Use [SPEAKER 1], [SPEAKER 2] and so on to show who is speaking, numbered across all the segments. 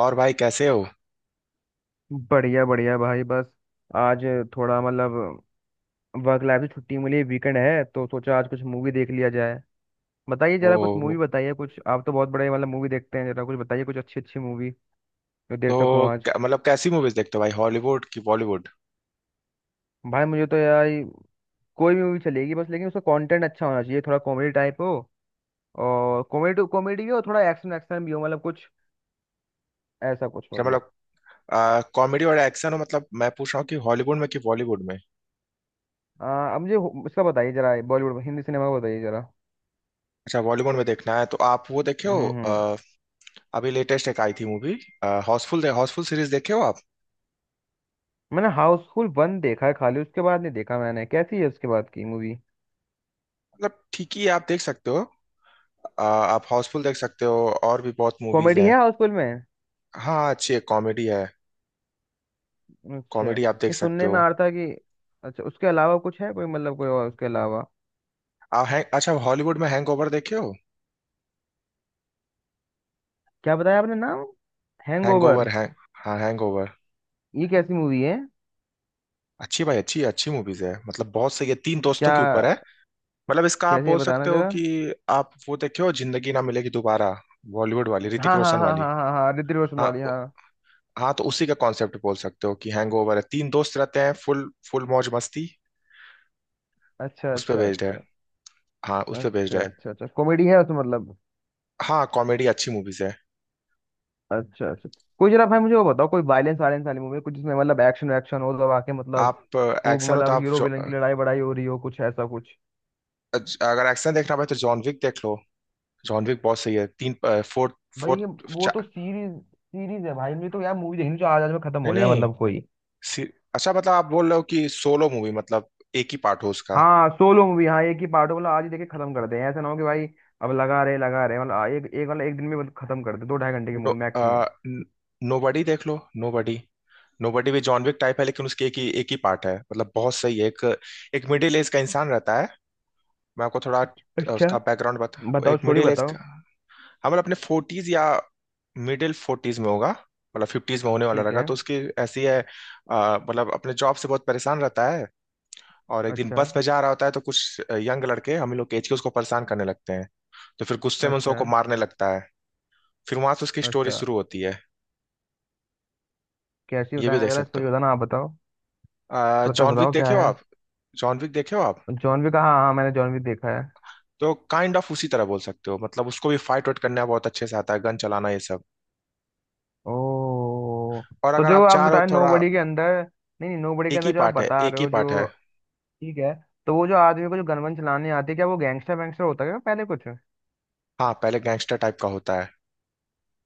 [SPEAKER 1] और भाई कैसे हो।
[SPEAKER 2] बढ़िया बढ़िया भाई बस आज थोड़ा मतलब वर्क लाइफ से छुट्टी मिली, वीकेंड है तो सोचा आज कुछ मूवी देख लिया जाए। बताइए जरा कुछ
[SPEAKER 1] ओ।
[SPEAKER 2] मूवी, बताइए कुछ, आप तो बहुत बड़े मतलब मूवी देखते हैं, जरा कुछ बताइए कुछ अच्छी अच्छी मूवी जो देख सकूं
[SPEAKER 1] तो
[SPEAKER 2] आज।
[SPEAKER 1] मतलब कैसी मूवीज देखते हो भाई, हॉलीवुड की बॉलीवुड?
[SPEAKER 2] भाई मुझे तो यार कोई भी मूवी चलेगी बस, लेकिन उसका कंटेंट अच्छा होना चाहिए, थोड़ा कॉमेडी टाइप हो और कॉमेडी कॉमेडी भी हो, थोड़ा एक्शन एक्शन भी हो, मतलब कुछ ऐसा कुछ
[SPEAKER 1] अच्छा
[SPEAKER 2] मतलब।
[SPEAKER 1] मतलब कॉमेडी और एक्शन हो। मतलब मैं पूछ रहा हूँ कि हॉलीवुड में कि बॉलीवुड में?
[SPEAKER 2] अब मुझे इसका बताइए जरा, बॉलीवुड हिंदी सिनेमा का बताइए जरा।
[SPEAKER 1] अच्छा, बॉलीवुड में देखना है तो आप वो देखे
[SPEAKER 2] हम्म
[SPEAKER 1] हो
[SPEAKER 2] हम्म हम्म।
[SPEAKER 1] अभी लेटेस्ट एक आई थी मूवी। हाउसफुल, हाउसफुल सीरीज देखे हो आप?
[SPEAKER 2] मैंने हाउसफुल 1 देखा है खाली, उसके बाद नहीं देखा मैंने, कैसी है उसके बाद की मूवी?
[SPEAKER 1] मतलब ठीक ही है, आप देख सकते हो। आप हाउसफुल देख सकते हो। और भी बहुत मूवीज
[SPEAKER 2] कॉमेडी
[SPEAKER 1] हैं।
[SPEAKER 2] है हाउसफुल में?
[SPEAKER 1] हाँ, अच्छी है, कॉमेडी है।
[SPEAKER 2] अच्छा।
[SPEAKER 1] कॉमेडी आप देख
[SPEAKER 2] ये
[SPEAKER 1] सकते
[SPEAKER 2] सुनने में
[SPEAKER 1] हो।
[SPEAKER 2] आ रहा था कि, अच्छा उसके अलावा कुछ है कोई, मतलब कोई और उसके अलावा?
[SPEAKER 1] आप हैंग, अच्छा, हॉलीवुड में हैंगओवर देखे हो?
[SPEAKER 2] क्या बताया आपने नाम? हैंगओवर।
[SPEAKER 1] हैंगओवर है। हाँ, हैंगओवर।
[SPEAKER 2] ये कैसी मूवी है?
[SPEAKER 1] अच्छी भाई, अच्छी अच्छी मूवीज है, मतलब बहुत सही है, तीन दोस्तों
[SPEAKER 2] क्या,
[SPEAKER 1] के ऊपर है। मतलब इसका आप
[SPEAKER 2] कैसी है
[SPEAKER 1] बोल
[SPEAKER 2] बताना
[SPEAKER 1] सकते हो
[SPEAKER 2] जरा।
[SPEAKER 1] कि आप वो देखे हो जिंदगी ना मिलेगी दोबारा, बॉलीवुड वाली ऋतिक
[SPEAKER 2] हाँ हाँ
[SPEAKER 1] रोशन
[SPEAKER 2] हाँ
[SPEAKER 1] वाली?
[SPEAKER 2] हाँ हाँ हाँ, ऋतिक रोशन
[SPEAKER 1] हाँ
[SPEAKER 2] वाली हाँ।
[SPEAKER 1] हाँ, तो उसी का कॉन्सेप्ट बोल सकते हो कि हैंगओवर है, तीन दोस्त रहते हैं, फुल फुल मौज मस्ती।
[SPEAKER 2] अच्छा
[SPEAKER 1] उस पे
[SPEAKER 2] अच्छा
[SPEAKER 1] बेस्ड है।
[SPEAKER 2] अच्छा।
[SPEAKER 1] हाँ, उस पे बेस्ड
[SPEAKER 2] अच्छा
[SPEAKER 1] है।
[SPEAKER 2] अच्छा अच्छा, कॉमेडी है उसमें मतलब?
[SPEAKER 1] हाँ, कॉमेडी, अच्छी मूवीज है।
[SPEAKER 2] अच्छा अच्छा। कोई जरा भाई मुझे वो बताओ, कोई वायलेंस वायलेंस वाली मूवी कुछ, जिसमें मतलब एक्शन एक्शन हो दबा के, मतलब
[SPEAKER 1] आप
[SPEAKER 2] खूब,
[SPEAKER 1] एक्शन हो तो
[SPEAKER 2] मतलब
[SPEAKER 1] आप
[SPEAKER 2] हीरो विलन की लड़ाई बड़ाई हो रही हो, कुछ ऐसा कुछ।
[SPEAKER 1] अगर एक्शन देखना भाई तो जॉन विक देख लो। जॉन विक बहुत सही है, तीन। फोर्थ।
[SPEAKER 2] भाई ये
[SPEAKER 1] फोर्थ।
[SPEAKER 2] वो तो सीरीज सीरीज है भाई, मुझे तो यार मूवी देखनी जो आज आज में खत्म
[SPEAKER 1] नहीं
[SPEAKER 2] हो जाए,
[SPEAKER 1] नहीं।
[SPEAKER 2] मतलब कोई।
[SPEAKER 1] सी- अच्छा मतलब आप बोल रहे हो कि सोलो मूवी, मतलब एक ही पार्ट हो उसका।
[SPEAKER 2] हाँ सोलो मूवी हाँ, एक ही पार्ट हो मतलब आज ही देखे खत्म कर दे, ऐसा ना हो कि भाई अब लगा रहे लगा रहे, मतलब एक एक मतलब एक दिन में मतलब खत्म कर दे, दो ढाई घंटे की
[SPEAKER 1] नो,
[SPEAKER 2] मूवी
[SPEAKER 1] आ,
[SPEAKER 2] मैक्सिमम।
[SPEAKER 1] नोबडी देख लो। नोबडी। नोबडी भी जॉन विक टाइप है, लेकिन उसके एक ही पार्ट है, मतलब बहुत सही है। एक एक मिडिल एज का इंसान रहता है। मैं आपको थोड़ा
[SPEAKER 2] अच्छा
[SPEAKER 1] उसका बैकग्राउंड बता,
[SPEAKER 2] बताओ,
[SPEAKER 1] एक
[SPEAKER 2] स्टोरी
[SPEAKER 1] मिडिल एज
[SPEAKER 2] बताओ।
[SPEAKER 1] का। हाँ, मतलब अपने 40s या मिडिल 40s में होगा। मतलब 50s में होने वाला
[SPEAKER 2] ठीक
[SPEAKER 1] रहेगा,
[SPEAKER 2] है।
[SPEAKER 1] तो उसकी ऐसी है। मतलब अपने जॉब से बहुत परेशान रहता है। और एक दिन
[SPEAKER 2] अच्छा
[SPEAKER 1] बस में जा रहा होता है तो कुछ यंग लड़के, हम लोग के एज के, उसको परेशान करने लगते हैं। तो फिर गुस्से में उन
[SPEAKER 2] अच्छा
[SPEAKER 1] सबको मारने लगता है। फिर वहां से उसकी स्टोरी
[SPEAKER 2] अच्छा।
[SPEAKER 1] शुरू होती है।
[SPEAKER 2] कैसी,
[SPEAKER 1] ये भी
[SPEAKER 2] बताना
[SPEAKER 1] देख
[SPEAKER 2] जरा
[SPEAKER 1] सकते
[SPEAKER 2] स्टोरी, बताना आप बताओ।
[SPEAKER 1] हो।
[SPEAKER 2] थोड़ा सा
[SPEAKER 1] जॉन विक
[SPEAKER 2] बताओ क्या
[SPEAKER 1] देखे हो
[SPEAKER 2] है।
[SPEAKER 1] आप? जॉन विक देखे हो आप?
[SPEAKER 2] जॉन विक, हाँ हाँ मैंने जॉन विक देखा है।
[SPEAKER 1] तो काइंड ऑफ उसी तरह बोल सकते हो, मतलब उसको भी फाइट वाइट करना बहुत अच्छे से आता है, गन चलाना ये सब।
[SPEAKER 2] ओ,
[SPEAKER 1] और
[SPEAKER 2] तो
[SPEAKER 1] अगर
[SPEAKER 2] जो
[SPEAKER 1] आप
[SPEAKER 2] आप
[SPEAKER 1] चाह रहे
[SPEAKER 2] बता
[SPEAKER 1] हो
[SPEAKER 2] रहे
[SPEAKER 1] थोड़ा।
[SPEAKER 2] नोबडी के अंदर, नहीं नहीं, नोबडी के
[SPEAKER 1] एक ही
[SPEAKER 2] अंदर जो आप
[SPEAKER 1] पार्ट है,
[SPEAKER 2] बता
[SPEAKER 1] एक
[SPEAKER 2] रहे
[SPEAKER 1] ही
[SPEAKER 2] हो
[SPEAKER 1] पार्ट है।
[SPEAKER 2] जो, ठीक है। तो वो जो आदमी को जो गनवन चलाने आती है, क्या वो गैंगस्टर वैंगस्टर होता है क्या पहले कुछ?
[SPEAKER 1] हाँ, पहले गैंगस्टर टाइप का होता है।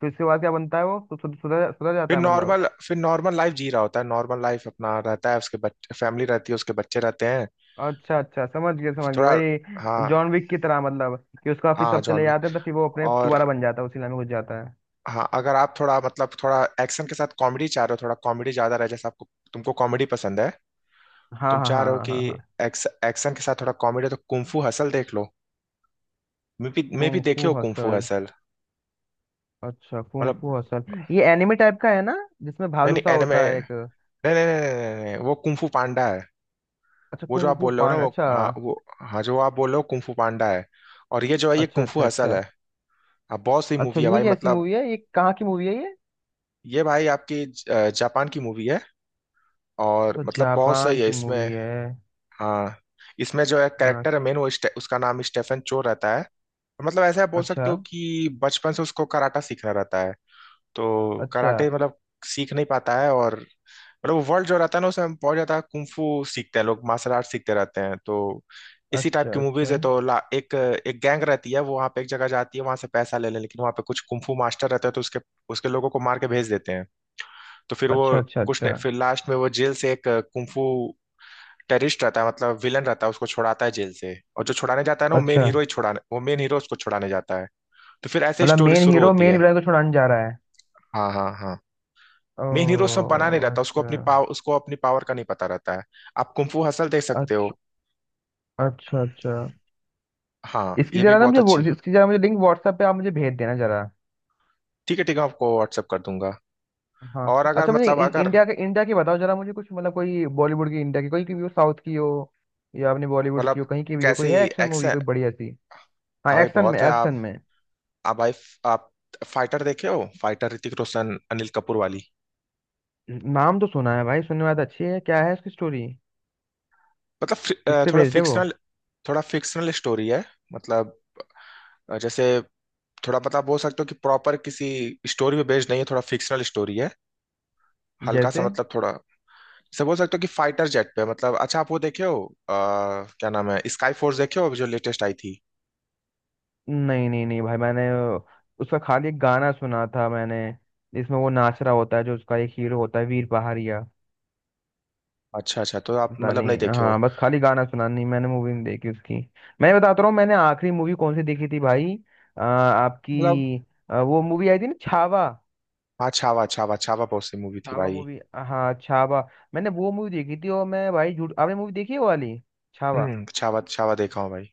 [SPEAKER 2] तो इसके बाद क्या बनता है वो, तो सुधर सुधर जाता
[SPEAKER 1] फिर
[SPEAKER 2] है मतलब?
[SPEAKER 1] नॉर्मल फिर नॉर्मल लाइफ जी रहा होता है, नॉर्मल लाइफ अपना रहता है, उसके बच्चे, फैमिली रहती है, उसके बच्चे रहते हैं।
[SPEAKER 2] अच्छा अच्छा, समझ गया
[SPEAKER 1] थोड़ा। हाँ
[SPEAKER 2] भाई, जॉन विक की तरह मतलब कि उसको फिर
[SPEAKER 1] हाँ,
[SPEAKER 2] सब
[SPEAKER 1] जॉन
[SPEAKER 2] चले जाते हैं तो
[SPEAKER 1] विक।
[SPEAKER 2] फिर वो अपने
[SPEAKER 1] और।
[SPEAKER 2] दोबारा बन जाता है, उसी लाइन में घुस जाता है।
[SPEAKER 1] हाँ अगर आप थोड़ा मतलब थोड़ा एक्शन के साथ कॉमेडी चाह रहे हो, थोड़ा कॉमेडी ज्यादा रहे, जैसे आपको तुमको कॉमेडी पसंद है।
[SPEAKER 2] हाँ
[SPEAKER 1] तुम
[SPEAKER 2] हाँ
[SPEAKER 1] चाह
[SPEAKER 2] हाँ
[SPEAKER 1] रहे हो
[SPEAKER 2] हाँ
[SPEAKER 1] कि
[SPEAKER 2] हाँ हाँ।
[SPEAKER 1] एक्शन के साथ थोड़ा कॉमेडी तो कुंफू हसल देख लो। मैं भी
[SPEAKER 2] कुंग
[SPEAKER 1] देखे
[SPEAKER 2] फू
[SPEAKER 1] हो कुंफू
[SPEAKER 2] हसल,
[SPEAKER 1] हसल?
[SPEAKER 2] अच्छा कुंग
[SPEAKER 1] मतलब।
[SPEAKER 2] Fu hustle. ये एनिमे टाइप का है ना, जिसमें
[SPEAKER 1] नहीं
[SPEAKER 2] भालू
[SPEAKER 1] नहीं,
[SPEAKER 2] सा होता है एक?
[SPEAKER 1] नहीं नहीं नहीं नहीं नहीं, नहीं, वो कुंफू पांडा है।
[SPEAKER 2] अच्छा
[SPEAKER 1] वो जो
[SPEAKER 2] कुंग
[SPEAKER 1] आप
[SPEAKER 2] फू
[SPEAKER 1] बोल रहे हो ना,
[SPEAKER 2] पांडा,
[SPEAKER 1] वो,
[SPEAKER 2] अच्छा।
[SPEAKER 1] हाँ वो। हाँ, जो आप बोल रहे हो कुंफू पांडा है। और ये जो है ये
[SPEAKER 2] अच्छा
[SPEAKER 1] कुंफू
[SPEAKER 2] अच्छा
[SPEAKER 1] हसल
[SPEAKER 2] अच्छा
[SPEAKER 1] है। हाँ, बहुत सही
[SPEAKER 2] अच्छा।
[SPEAKER 1] मूवी है
[SPEAKER 2] ये
[SPEAKER 1] भाई,
[SPEAKER 2] कैसी
[SPEAKER 1] मतलब।
[SPEAKER 2] मूवी है, ये कहाँ की मूवी है ये?
[SPEAKER 1] ये भाई आपकी जापान की मूवी है। और
[SPEAKER 2] तो
[SPEAKER 1] मतलब बहुत
[SPEAKER 2] जापान
[SPEAKER 1] सही है
[SPEAKER 2] की
[SPEAKER 1] इसमें।
[SPEAKER 2] मूवी है?
[SPEAKER 1] हाँ। इसमें जो है
[SPEAKER 2] हाँ।
[SPEAKER 1] कैरेक्टर है मेन, वो उसका नाम स्टेफन चो रहता है। मतलब ऐसा बोल
[SPEAKER 2] अच्छा
[SPEAKER 1] सकते हो कि बचपन से उसको कराटा सीखना रहता है। तो
[SPEAKER 2] अच्छा
[SPEAKER 1] कराटे मतलब सीख नहीं पाता है, और मतलब वो वर्ल्ड जो रहता है ना, उसमें बहुत ज्यादा कुंफू सीखते हैं लोग, मार्शल आर्ट सीखते रहते हैं, तो इसी टाइप
[SPEAKER 2] अच्छा
[SPEAKER 1] की मूवीज
[SPEAKER 2] अच्छा
[SPEAKER 1] है। तो एक एक गैंग रहती है, वो वहां पे एक जगह जाती है, वहां से पैसा ले ले, लेकिन वहां पे कुछ कुंफू मास्टर रहते हैं, तो उसके उसके लोगों को मार के भेज देते हैं। तो फिर वो
[SPEAKER 2] अच्छा अच्छा अच्छा
[SPEAKER 1] फिर लास्ट में वो जेल से एक कुंफू टेररिस्ट रहता है, मतलब विलन रहता है, उसको छुड़ाता है जेल से। और जो छुड़ाने जाता है ना वो मेन
[SPEAKER 2] अच्छा।
[SPEAKER 1] हीरो ही छुड़ाने, वो मेन हीरो उसको छुड़ाने जाता है। तो फिर ऐसे ही
[SPEAKER 2] मतलब
[SPEAKER 1] स्टोरी
[SPEAKER 2] मेन
[SPEAKER 1] शुरू
[SPEAKER 2] हीरो
[SPEAKER 1] होती
[SPEAKER 2] मेन
[SPEAKER 1] है।
[SPEAKER 2] विलन को छुड़ाने जा रहा है?
[SPEAKER 1] हाँ हाँ हाँ। मेन हीरो,
[SPEAKER 2] ओ।
[SPEAKER 1] सब बना नहीं रहता, उसको अपनी
[SPEAKER 2] अच्छा
[SPEAKER 1] पावर, उसको अपनी पावर का नहीं पता रहता है। आप कुंफू हसल देख सकते
[SPEAKER 2] अच्छा
[SPEAKER 1] हो।
[SPEAKER 2] अच्छा अच्छा।
[SPEAKER 1] हाँ,
[SPEAKER 2] इसकी
[SPEAKER 1] ये भी
[SPEAKER 2] जरा ना
[SPEAKER 1] बहुत
[SPEAKER 2] मुझे
[SPEAKER 1] अच्छी।
[SPEAKER 2] इसकी जरा मुझे लिंक व्हाट्सएप पे आप मुझे भेज देना जरा।
[SPEAKER 1] ठीक है ठीक है, मैं आपको व्हाट्सअप कर दूंगा। और
[SPEAKER 2] हाँ,
[SPEAKER 1] अगर
[SPEAKER 2] अच्छा मुझे
[SPEAKER 1] मतलब अगर
[SPEAKER 2] इंडिया के, इंडिया की बताओ जरा मुझे कुछ, मतलब कोई बॉलीवुड की, इंडिया की कोई की भी हो, साउथ की हो या अपने बॉलीवुड की हो,
[SPEAKER 1] मतलब
[SPEAKER 2] कहीं की भी हो,
[SPEAKER 1] कैसी
[SPEAKER 2] कोई है एक्शन मूवी
[SPEAKER 1] एक्शन?
[SPEAKER 2] कोई बढ़िया सी? हाँ
[SPEAKER 1] हाँ भाई,
[SPEAKER 2] एक्शन में,
[SPEAKER 1] बहुत है।
[SPEAKER 2] एक्शन में।
[SPEAKER 1] आप भाई आप फाइटर देखे हो, फाइटर ऋतिक रोशन अनिल कपूर वाली?
[SPEAKER 2] नाम तो सुना है भाई, सुनने में बात अच्छी है, क्या है उसकी स्टोरी,
[SPEAKER 1] मतलब
[SPEAKER 2] किस पे
[SPEAKER 1] थोड़ा
[SPEAKER 2] बेस्ड है वो?
[SPEAKER 1] फिक्शनल। थोड़ा फिक्शनल स्टोरी है। मतलब। जैसे थोड़ा मतलब बोल सकते हो कि प्रॉपर किसी स्टोरी पे बेस्ड नहीं है, थोड़ा फिक्शनल स्टोरी है। हल्का सा
[SPEAKER 2] जैसे।
[SPEAKER 1] मतलब थोड़ा। जैसे बोल सकते हो कि फाइटर जेट पे, मतलब अच्छा आप वो देखे हो अ, क्या नाम है, स्काई फोर्स देखे हो जो लेटेस्ट आई थी?
[SPEAKER 2] नहीं नहीं नहीं भाई, मैंने उसका खाली एक गाना सुना था मैंने, जिसमें वो नाच रहा होता है जो उसका एक हीरो होता है, वीर पहाड़िया।
[SPEAKER 1] अच्छा अच्छा, तो आप
[SPEAKER 2] पता
[SPEAKER 1] मतलब नहीं
[SPEAKER 2] नहीं,
[SPEAKER 1] देखे हो।
[SPEAKER 2] हाँ बस खाली गाना सुना, नहीं मैंने मूवी नहीं देखी उसकी। मैं बताता रहा हूँ, मैंने आखिरी मूवी कौन सी देखी थी भाई।
[SPEAKER 1] मतलब।
[SPEAKER 2] आपकी वो मूवी आई थी ना छावा।
[SPEAKER 1] हाँ छावा, छावा छावा बहुत सी मूवी थी
[SPEAKER 2] छावा
[SPEAKER 1] भाई।
[SPEAKER 2] मूवी, हाँ छावा। मैंने वो मूवी देखी थी, और मैं भाई झूठ, आपने मूवी देखी है वो वाली, छावा?
[SPEAKER 1] हम्म, छावा, छावा देखा हूँ भाई।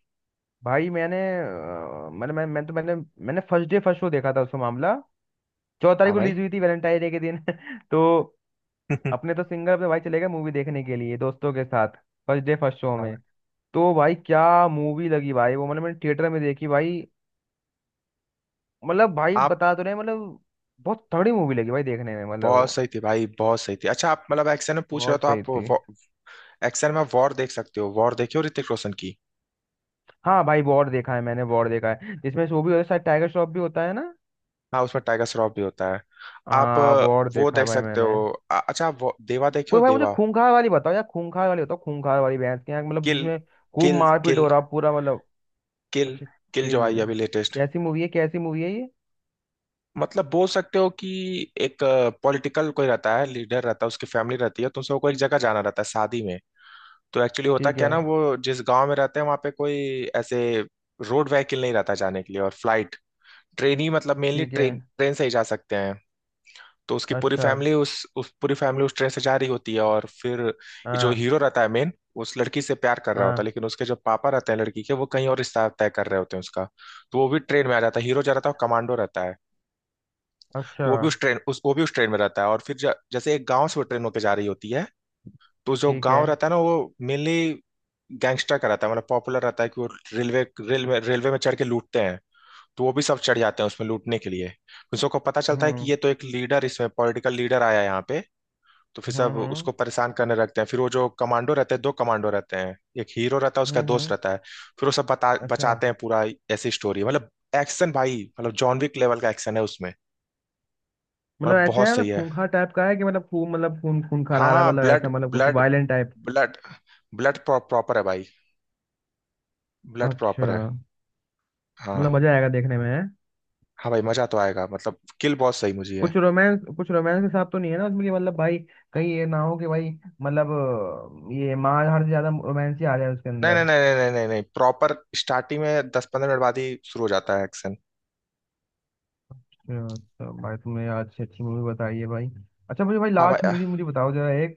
[SPEAKER 2] भाई मैंने मतलब मैं तो मैंने, मैंने फर्स्ट डे फर्स्ट शो देखा था उसका मामला। 14 तारीख
[SPEAKER 1] हाँ
[SPEAKER 2] को
[SPEAKER 1] भाई।
[SPEAKER 2] रिलीज हुई थी, वैलेंटाइन डे के दिन तो अपने तो सिंगर अपने भाई चले गए मूवी देखने के लिए दोस्तों के साथ, फर्स्ट डे फर्स्ट शो
[SPEAKER 1] हाँ
[SPEAKER 2] में।
[SPEAKER 1] भाई।
[SPEAKER 2] तो भाई क्या मूवी लगी भाई वो, मतलब मैंने थिएटर में देखी भाई, मतलब भाई
[SPEAKER 1] आप
[SPEAKER 2] बता तो रहे हैं, मतलब बहुत तगड़ी मूवी लगी भाई देखने में, मतलब वो
[SPEAKER 1] बहुत सही थी भाई, बहुत सही थी। अच्छा आप मतलब एक्शन में पूछ रहे हो
[SPEAKER 2] बहुत
[SPEAKER 1] तो
[SPEAKER 2] सही थी।
[SPEAKER 1] आप एक्शन में वॉर देख सकते हो, वॉर देखे हो ऋतिक रोशन की?
[SPEAKER 2] हाँ भाई वॉर देखा है मैंने, वॉर देखा है जिसमें वो भी होता है, शायद टाइगर श्रॉफ भी होता है ना?
[SPEAKER 1] हाँ, उसमें टाइगर श्रॉफ भी होता है। आप
[SPEAKER 2] हाँ वॉर
[SPEAKER 1] वो
[SPEAKER 2] देखा है
[SPEAKER 1] देख
[SPEAKER 2] भाई
[SPEAKER 1] सकते
[SPEAKER 2] मैंने।
[SPEAKER 1] हो। अच्छा आप देवा देखे हो,
[SPEAKER 2] कोई भाई मुझे
[SPEAKER 1] देवा?
[SPEAKER 2] खूंखार वाली बताओ यार, खूंखार वाली बताओ, खूंखार वाली भैंस के यहाँ, मतलब
[SPEAKER 1] किल,
[SPEAKER 2] जिसमें खूब
[SPEAKER 1] किल,
[SPEAKER 2] मारपीट
[SPEAKER 1] किल,
[SPEAKER 2] हो रहा पूरा मतलब।
[SPEAKER 1] किल,
[SPEAKER 2] अच्छा
[SPEAKER 1] किल जो
[SPEAKER 2] किल।
[SPEAKER 1] आई अभी लेटेस्ट।
[SPEAKER 2] कैसी मूवी है, कैसी मूवी है ये?
[SPEAKER 1] मतलब बोल सकते हो कि एक पॉलिटिकल कोई रहता है, लीडर रहता है, उसकी फैमिली रहती है, तो उसे को एक जगह जाना रहता है शादी में। तो एक्चुअली होता
[SPEAKER 2] ठीक
[SPEAKER 1] क्या
[SPEAKER 2] है।
[SPEAKER 1] ना वो जिस गांव में रहते हैं वहाँ पे कोई ऐसे रोड व्हीकल नहीं रहता जाने के लिए, और फ्लाइट, ट्रेन ही, मतलब मेनली
[SPEAKER 2] ठीक है।
[SPEAKER 1] ट्रेन ट्रेन से ही जा सकते हैं। तो उसकी पूरी
[SPEAKER 2] अच्छा।
[SPEAKER 1] फैमिली उस पूरी फैमिली उस ट्रेन से जा रही होती है, और फिर ये जो
[SPEAKER 2] हाँ
[SPEAKER 1] हीरो रहता है मेन, उस लड़की से प्यार कर रहा होता है,
[SPEAKER 2] हाँ।
[SPEAKER 1] लेकिन उसके जो पापा रहते हैं लड़की के, वो कहीं और रिश्ता तय कर रहे होते हैं उसका। तो वो भी ट्रेन में आ जाता है, हीरो जा रहा था, वो कमांडो रहता है। तो
[SPEAKER 2] अच्छा।
[SPEAKER 1] वो भी उस ट्रेन, उस वो भी उस ट्रेन में रहता है, और फिर जैसे एक गाँव से वो ट्रेन होकर जा रही होती है। तो जो
[SPEAKER 2] ठीक है।
[SPEAKER 1] गाँव रहता है ना वो मेनली गैंगस्टर का रहता है, मतलब पॉपुलर रहता है कि वो रेलवे रेलवे रेलवे में चढ़ के लूटते हैं। तो वो भी सब चढ़ जाते हैं उसमें लूटने के लिए। उन सबको पता चलता है कि
[SPEAKER 2] हम्म
[SPEAKER 1] ये तो एक लीडर इसमें, पॉलिटिकल लीडर आया है यहाँ पे। तो फिर
[SPEAKER 2] हम्म
[SPEAKER 1] सब उसको
[SPEAKER 2] हम्म
[SPEAKER 1] परेशान करने लगते हैं, फिर वो जो कमांडो रहते हैं, दो कमांडो रहते हैं, एक हीरो रहता है, उसका
[SPEAKER 2] हम्म
[SPEAKER 1] दोस्त
[SPEAKER 2] हम्म,
[SPEAKER 1] रहता है। फिर वो सब बता
[SPEAKER 2] अच्छा।
[SPEAKER 1] बचाते हैं पूरा। ऐसी स्टोरी मतलब। एक्शन भाई, मतलब जॉन विक लेवल का एक्शन है उसमें।
[SPEAKER 2] मतलब
[SPEAKER 1] मतलब
[SPEAKER 2] ऐसा
[SPEAKER 1] बहुत
[SPEAKER 2] है,
[SPEAKER 1] सही
[SPEAKER 2] मतलब
[SPEAKER 1] है।
[SPEAKER 2] खूंखार टाइप का है, कि मतलब खून, मतलब खून खून खा
[SPEAKER 1] हाँ
[SPEAKER 2] रहा है,
[SPEAKER 1] हाँ,
[SPEAKER 2] मतलब
[SPEAKER 1] ब्लड
[SPEAKER 2] ऐसा मतलब कुछ
[SPEAKER 1] blood.
[SPEAKER 2] Violent type?
[SPEAKER 1] Blood. Blood proper है भाई। ब्लड
[SPEAKER 2] अच्छा।
[SPEAKER 1] प्रॉपर है।
[SPEAKER 2] मतलब
[SPEAKER 1] हाँ।
[SPEAKER 2] मजा आएगा देखने में है?
[SPEAKER 1] हाँ भाई, मजा तो आएगा, मतलब किल बहुत सही मुझे है।
[SPEAKER 2] कुछ रोमांस के साथ तो नहीं है ना उसमें, कि मतलब भाई कहीं ये ना हो कि भाई मतलब ये मार हर से ज्यादा रोमांस ही आ जाए उसके
[SPEAKER 1] नहीं नहीं
[SPEAKER 2] अंदर।
[SPEAKER 1] नहीं नहीं नहीं नहीं, प्रॉपर स्टार्टिंग में 10-15 मिनट बाद ही शुरू हो जाता है एक्शन।
[SPEAKER 2] अच्छा भाई, तुमने आज अच्छी अच्छी मूवी बताई है भाई। अच्छा मुझे भाई
[SPEAKER 1] हाँ भाई।
[SPEAKER 2] लास्ट मूवी मुझे बताओ जरा एक,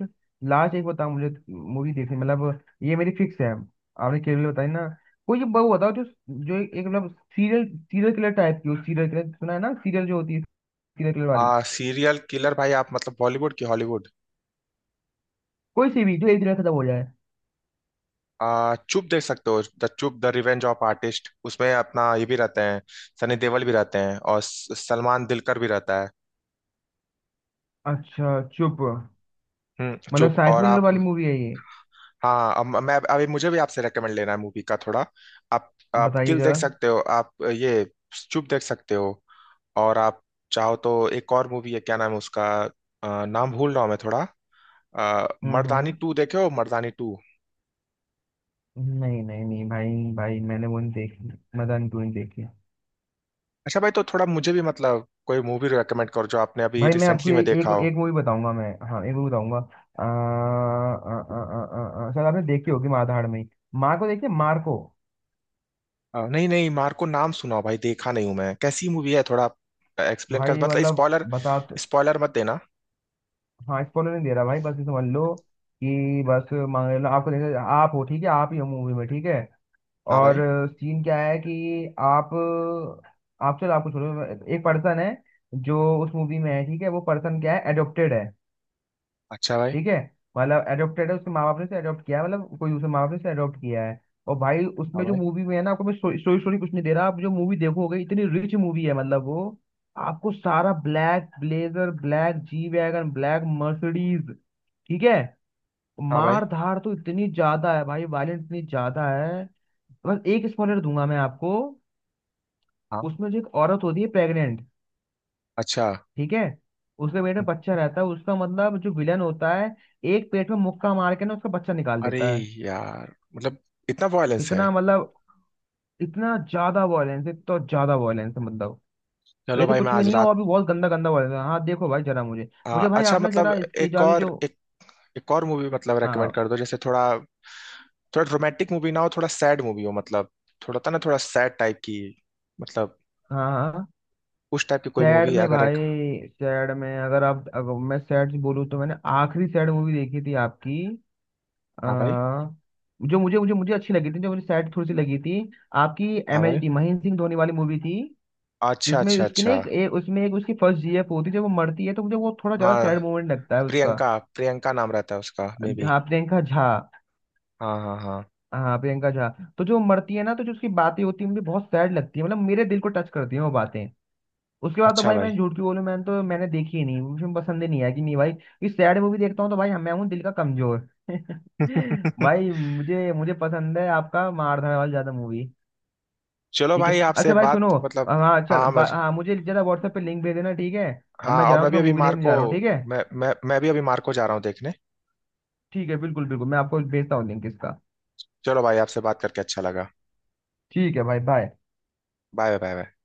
[SPEAKER 2] लास्ट एक बताओ मुझे, मूवी देखनी मतलब ये मेरी फिक्स है, आपने केवल बताई ना। कोई एक वो बताओ जो, जो एक एक मतलब सीरियल, सीरियल किलर टाइप की हो, सीरियल किलर सुना है ना, सीरियल जो होती है, सीरियल किलर वाली।
[SPEAKER 1] सीरियल किलर भाई? आप मतलब बॉलीवुड की हॉलीवुड?
[SPEAKER 2] कोई सी भी जो एक दिन में खत्म हो जाए।
[SPEAKER 1] चुप देख सकते हो, the Chup the revenge of artist. उसमें अपना ये भी रहते हैं, सनी देओल भी रहते हैं, और सलमान दिलकर भी रहता है।
[SPEAKER 2] अच्छा चुप।
[SPEAKER 1] हम्म,
[SPEAKER 2] मतलब
[SPEAKER 1] चुप।
[SPEAKER 2] साइंस
[SPEAKER 1] और
[SPEAKER 2] फिक्शन
[SPEAKER 1] आप
[SPEAKER 2] वाली मूवी है ये?
[SPEAKER 1] हाँ, अब मैं अभी मुझे भी आपसे रेकमेंड लेना है मूवी का थोड़ा। आप
[SPEAKER 2] बताइए
[SPEAKER 1] किल देख
[SPEAKER 2] जरा।
[SPEAKER 1] सकते हो, आप ये चुप देख सकते हो। और आप चाहो तो एक और मूवी है, क्या नाम है उसका? नाम भूल रहा हूँ मैं थोड़ा। आ, मर्दानी
[SPEAKER 2] हम्म
[SPEAKER 1] टू देखे हो, मर्दानी टू?
[SPEAKER 2] हम्म, नहीं नहीं नहीं भाई, भाई मैंने वो नहीं देखी। मदान क्यों नहीं देखी।
[SPEAKER 1] अच्छा भाई, तो थोड़ा मुझे भी मतलब कोई मूवी रेकमेंड करो जो आपने अभी
[SPEAKER 2] भाई मैं आपको
[SPEAKER 1] रिसेंटली में
[SPEAKER 2] एक
[SPEAKER 1] देखा हो।
[SPEAKER 2] एक मूवी बताऊंगा मैं, हाँ एक मूवी बताऊंगा, शायद आपने देखी होगी, माँ धाड़ में। माँ को देखिए, मार को।
[SPEAKER 1] नहीं नहीं, मार्को नाम सुना हो भाई, देखा नहीं हूं मैं, कैसी मूवी है थोड़ा एक्सप्लेन कर,
[SPEAKER 2] भाई
[SPEAKER 1] मतलब
[SPEAKER 2] मतलब
[SPEAKER 1] स्पॉइलर स्पॉइलर मत देना।
[SPEAKER 2] हाँ स्पॉइलर नहीं दे रहा भाई, बस ये समझ लो कि बस मान लो आपको, देखो आप हो ठीक है, आप ही हो मूवी में ठीक है।
[SPEAKER 1] हाँ
[SPEAKER 2] और
[SPEAKER 1] भाई।
[SPEAKER 2] सीन क्या है कि, आप आप चलो आपको छोड़ो, एक पर्सन है जो उस मूवी में है ठीक है, वो पर्सन क्या है, एडोप्टेड है
[SPEAKER 1] अच्छा भाई।
[SPEAKER 2] ठीक है। मतलब एडोप्टेड है, उसके माँ बाप ने से एडोप्ट किया है, मतलब कोई दूसरे माँ बाप ने से एडोप्ट किया है। और भाई
[SPEAKER 1] हाँ
[SPEAKER 2] उसमें जो
[SPEAKER 1] भाई।
[SPEAKER 2] मूवी में है ना, आपको मैं स्टोरी स्टोरी कुछ नहीं दे रहा, आप जो मूवी देखोगे, इतनी रिच मूवी है मतलब वो, आपको सारा black blazer, black G wagon, black Mercedes, ठीक है।
[SPEAKER 1] हाँ भाई।
[SPEAKER 2] मार धाड़ तो इतनी ज्यादा है भाई, वायलेंस इतनी ज्यादा है। बस एक स्पॉइलर दूंगा मैं आपको।
[SPEAKER 1] हाँ।
[SPEAKER 2] उसमें जो एक औरत होती है प्रेग्नेंट
[SPEAKER 1] अच्छा।
[SPEAKER 2] ठीक है, उसके पेट में
[SPEAKER 1] हम्म,
[SPEAKER 2] बच्चा रहता है उसका, मतलब जो विलन होता है एक पेट में मुक्का मार के ना उसका बच्चा निकाल
[SPEAKER 1] अरे
[SPEAKER 2] देता है।
[SPEAKER 1] यार, मतलब इतना वायलेंस है।
[SPEAKER 2] इतना मतलब, इतना ज्यादा वॉयलेंस है, तो ज्यादा वॉयलेंस है मतलब।
[SPEAKER 1] चलो
[SPEAKER 2] ये तो
[SPEAKER 1] भाई मैं
[SPEAKER 2] कुछ भी
[SPEAKER 1] आज
[SPEAKER 2] नहीं है,
[SPEAKER 1] रात
[SPEAKER 2] और भी बहुत गंदा गंदा वॉयलेंस है। हाँ देखो भाई जरा मुझे मुझे भाई,
[SPEAKER 1] अच्छा
[SPEAKER 2] आपने
[SPEAKER 1] मतलब
[SPEAKER 2] जरा इसकी
[SPEAKER 1] एक
[SPEAKER 2] जो
[SPEAKER 1] और
[SPEAKER 2] जो।
[SPEAKER 1] एक एक और मूवी मतलब रेकमेंड
[SPEAKER 2] हाँ
[SPEAKER 1] कर दो, जैसे थोड़ा, थोड़ा रोमांटिक मूवी ना हो, थोड़ा सैड मूवी हो, मतलब थोड़ा था ना, थोड़ा सैड टाइप की। मतलब
[SPEAKER 2] हाँ हाँ।
[SPEAKER 1] उस टाइप की कोई
[SPEAKER 2] सैड
[SPEAKER 1] मूवी
[SPEAKER 2] में
[SPEAKER 1] अगर
[SPEAKER 2] भाई,
[SPEAKER 1] एक।
[SPEAKER 2] सैड में अगर आप, अगर मैं सैड बोलूँ तो मैंने आखिरी सैड मूवी देखी थी आपकी आ,
[SPEAKER 1] हाँ भाई।
[SPEAKER 2] जो मुझे मुझे मुझे अच्छी लगी थी, जो मुझे सैड थोड़ी सी लगी थी आपकी,
[SPEAKER 1] हाँ
[SPEAKER 2] एम एच
[SPEAKER 1] भाई।
[SPEAKER 2] डी महेंद्र सिंह धोनी वाली मूवी थी।
[SPEAKER 1] अच्छा
[SPEAKER 2] जिसमें
[SPEAKER 1] अच्छा
[SPEAKER 2] उसकी ना
[SPEAKER 1] अच्छा।
[SPEAKER 2] एक उसमें एक, उसकी फर्स्ट जीएफ होती है, जब वो मरती है तो मुझे वो थोड़ा ज्यादा
[SPEAKER 1] हाँ,
[SPEAKER 2] सैड मोमेंट लगता है उसका।
[SPEAKER 1] प्रियंका, प्रियंका नाम रहता है उसका, मे बी।
[SPEAKER 2] हाँ प्रियंका झा।
[SPEAKER 1] हाँ हाँ हाँ।
[SPEAKER 2] हाँ प्रियंका झा। तो जो मरती है ना, तो जो उसकी बातें होती है मुझे बहुत सैड लगती है, मतलब मेरे दिल को टच करती है वो बातें। उसके बाद तो
[SPEAKER 1] अच्छा
[SPEAKER 2] भाई
[SPEAKER 1] भाई।
[SPEAKER 2] मैं झूठ क्यों बोलूं, मैंने तो, मैंने देखी ही नहीं, मुझे पसंद ही नहीं आया, कि नहीं भाई ये सैड मूवी देखता हूँ तो भाई मैं हूँ दिल का कमजोर भाई मुझे मुझे पसंद है आपका मारधाड़ वाली ज्यादा मूवी।
[SPEAKER 1] चलो
[SPEAKER 2] ठीक है,
[SPEAKER 1] भाई, आपसे
[SPEAKER 2] अच्छा भाई
[SPEAKER 1] बात
[SPEAKER 2] सुनो,
[SPEAKER 1] मतलब।
[SPEAKER 2] हाँ चल
[SPEAKER 1] हाँ मैं
[SPEAKER 2] हाँ, मुझे जरा व्हाट्सएप पे लिंक भेज देना ठीक है। अब
[SPEAKER 1] हाँ,
[SPEAKER 2] मैं जा
[SPEAKER 1] और
[SPEAKER 2] रहा हूँ,
[SPEAKER 1] मैं भी
[SPEAKER 2] थोड़ा
[SPEAKER 1] अभी
[SPEAKER 2] मूवी देखने
[SPEAKER 1] मार्को
[SPEAKER 2] जा रहा हूँ ठीक है।
[SPEAKER 1] मैं भी अभी मार्को जा रहा हूँ देखने।
[SPEAKER 2] ठीक है बिल्कुल बिल्कुल, मैं आपको भेजता हूँ लिंक इसका।
[SPEAKER 1] चलो भाई, आपसे बात करके अच्छा लगा।
[SPEAKER 2] ठीक है भाई, बाय।
[SPEAKER 1] Bye bye bye.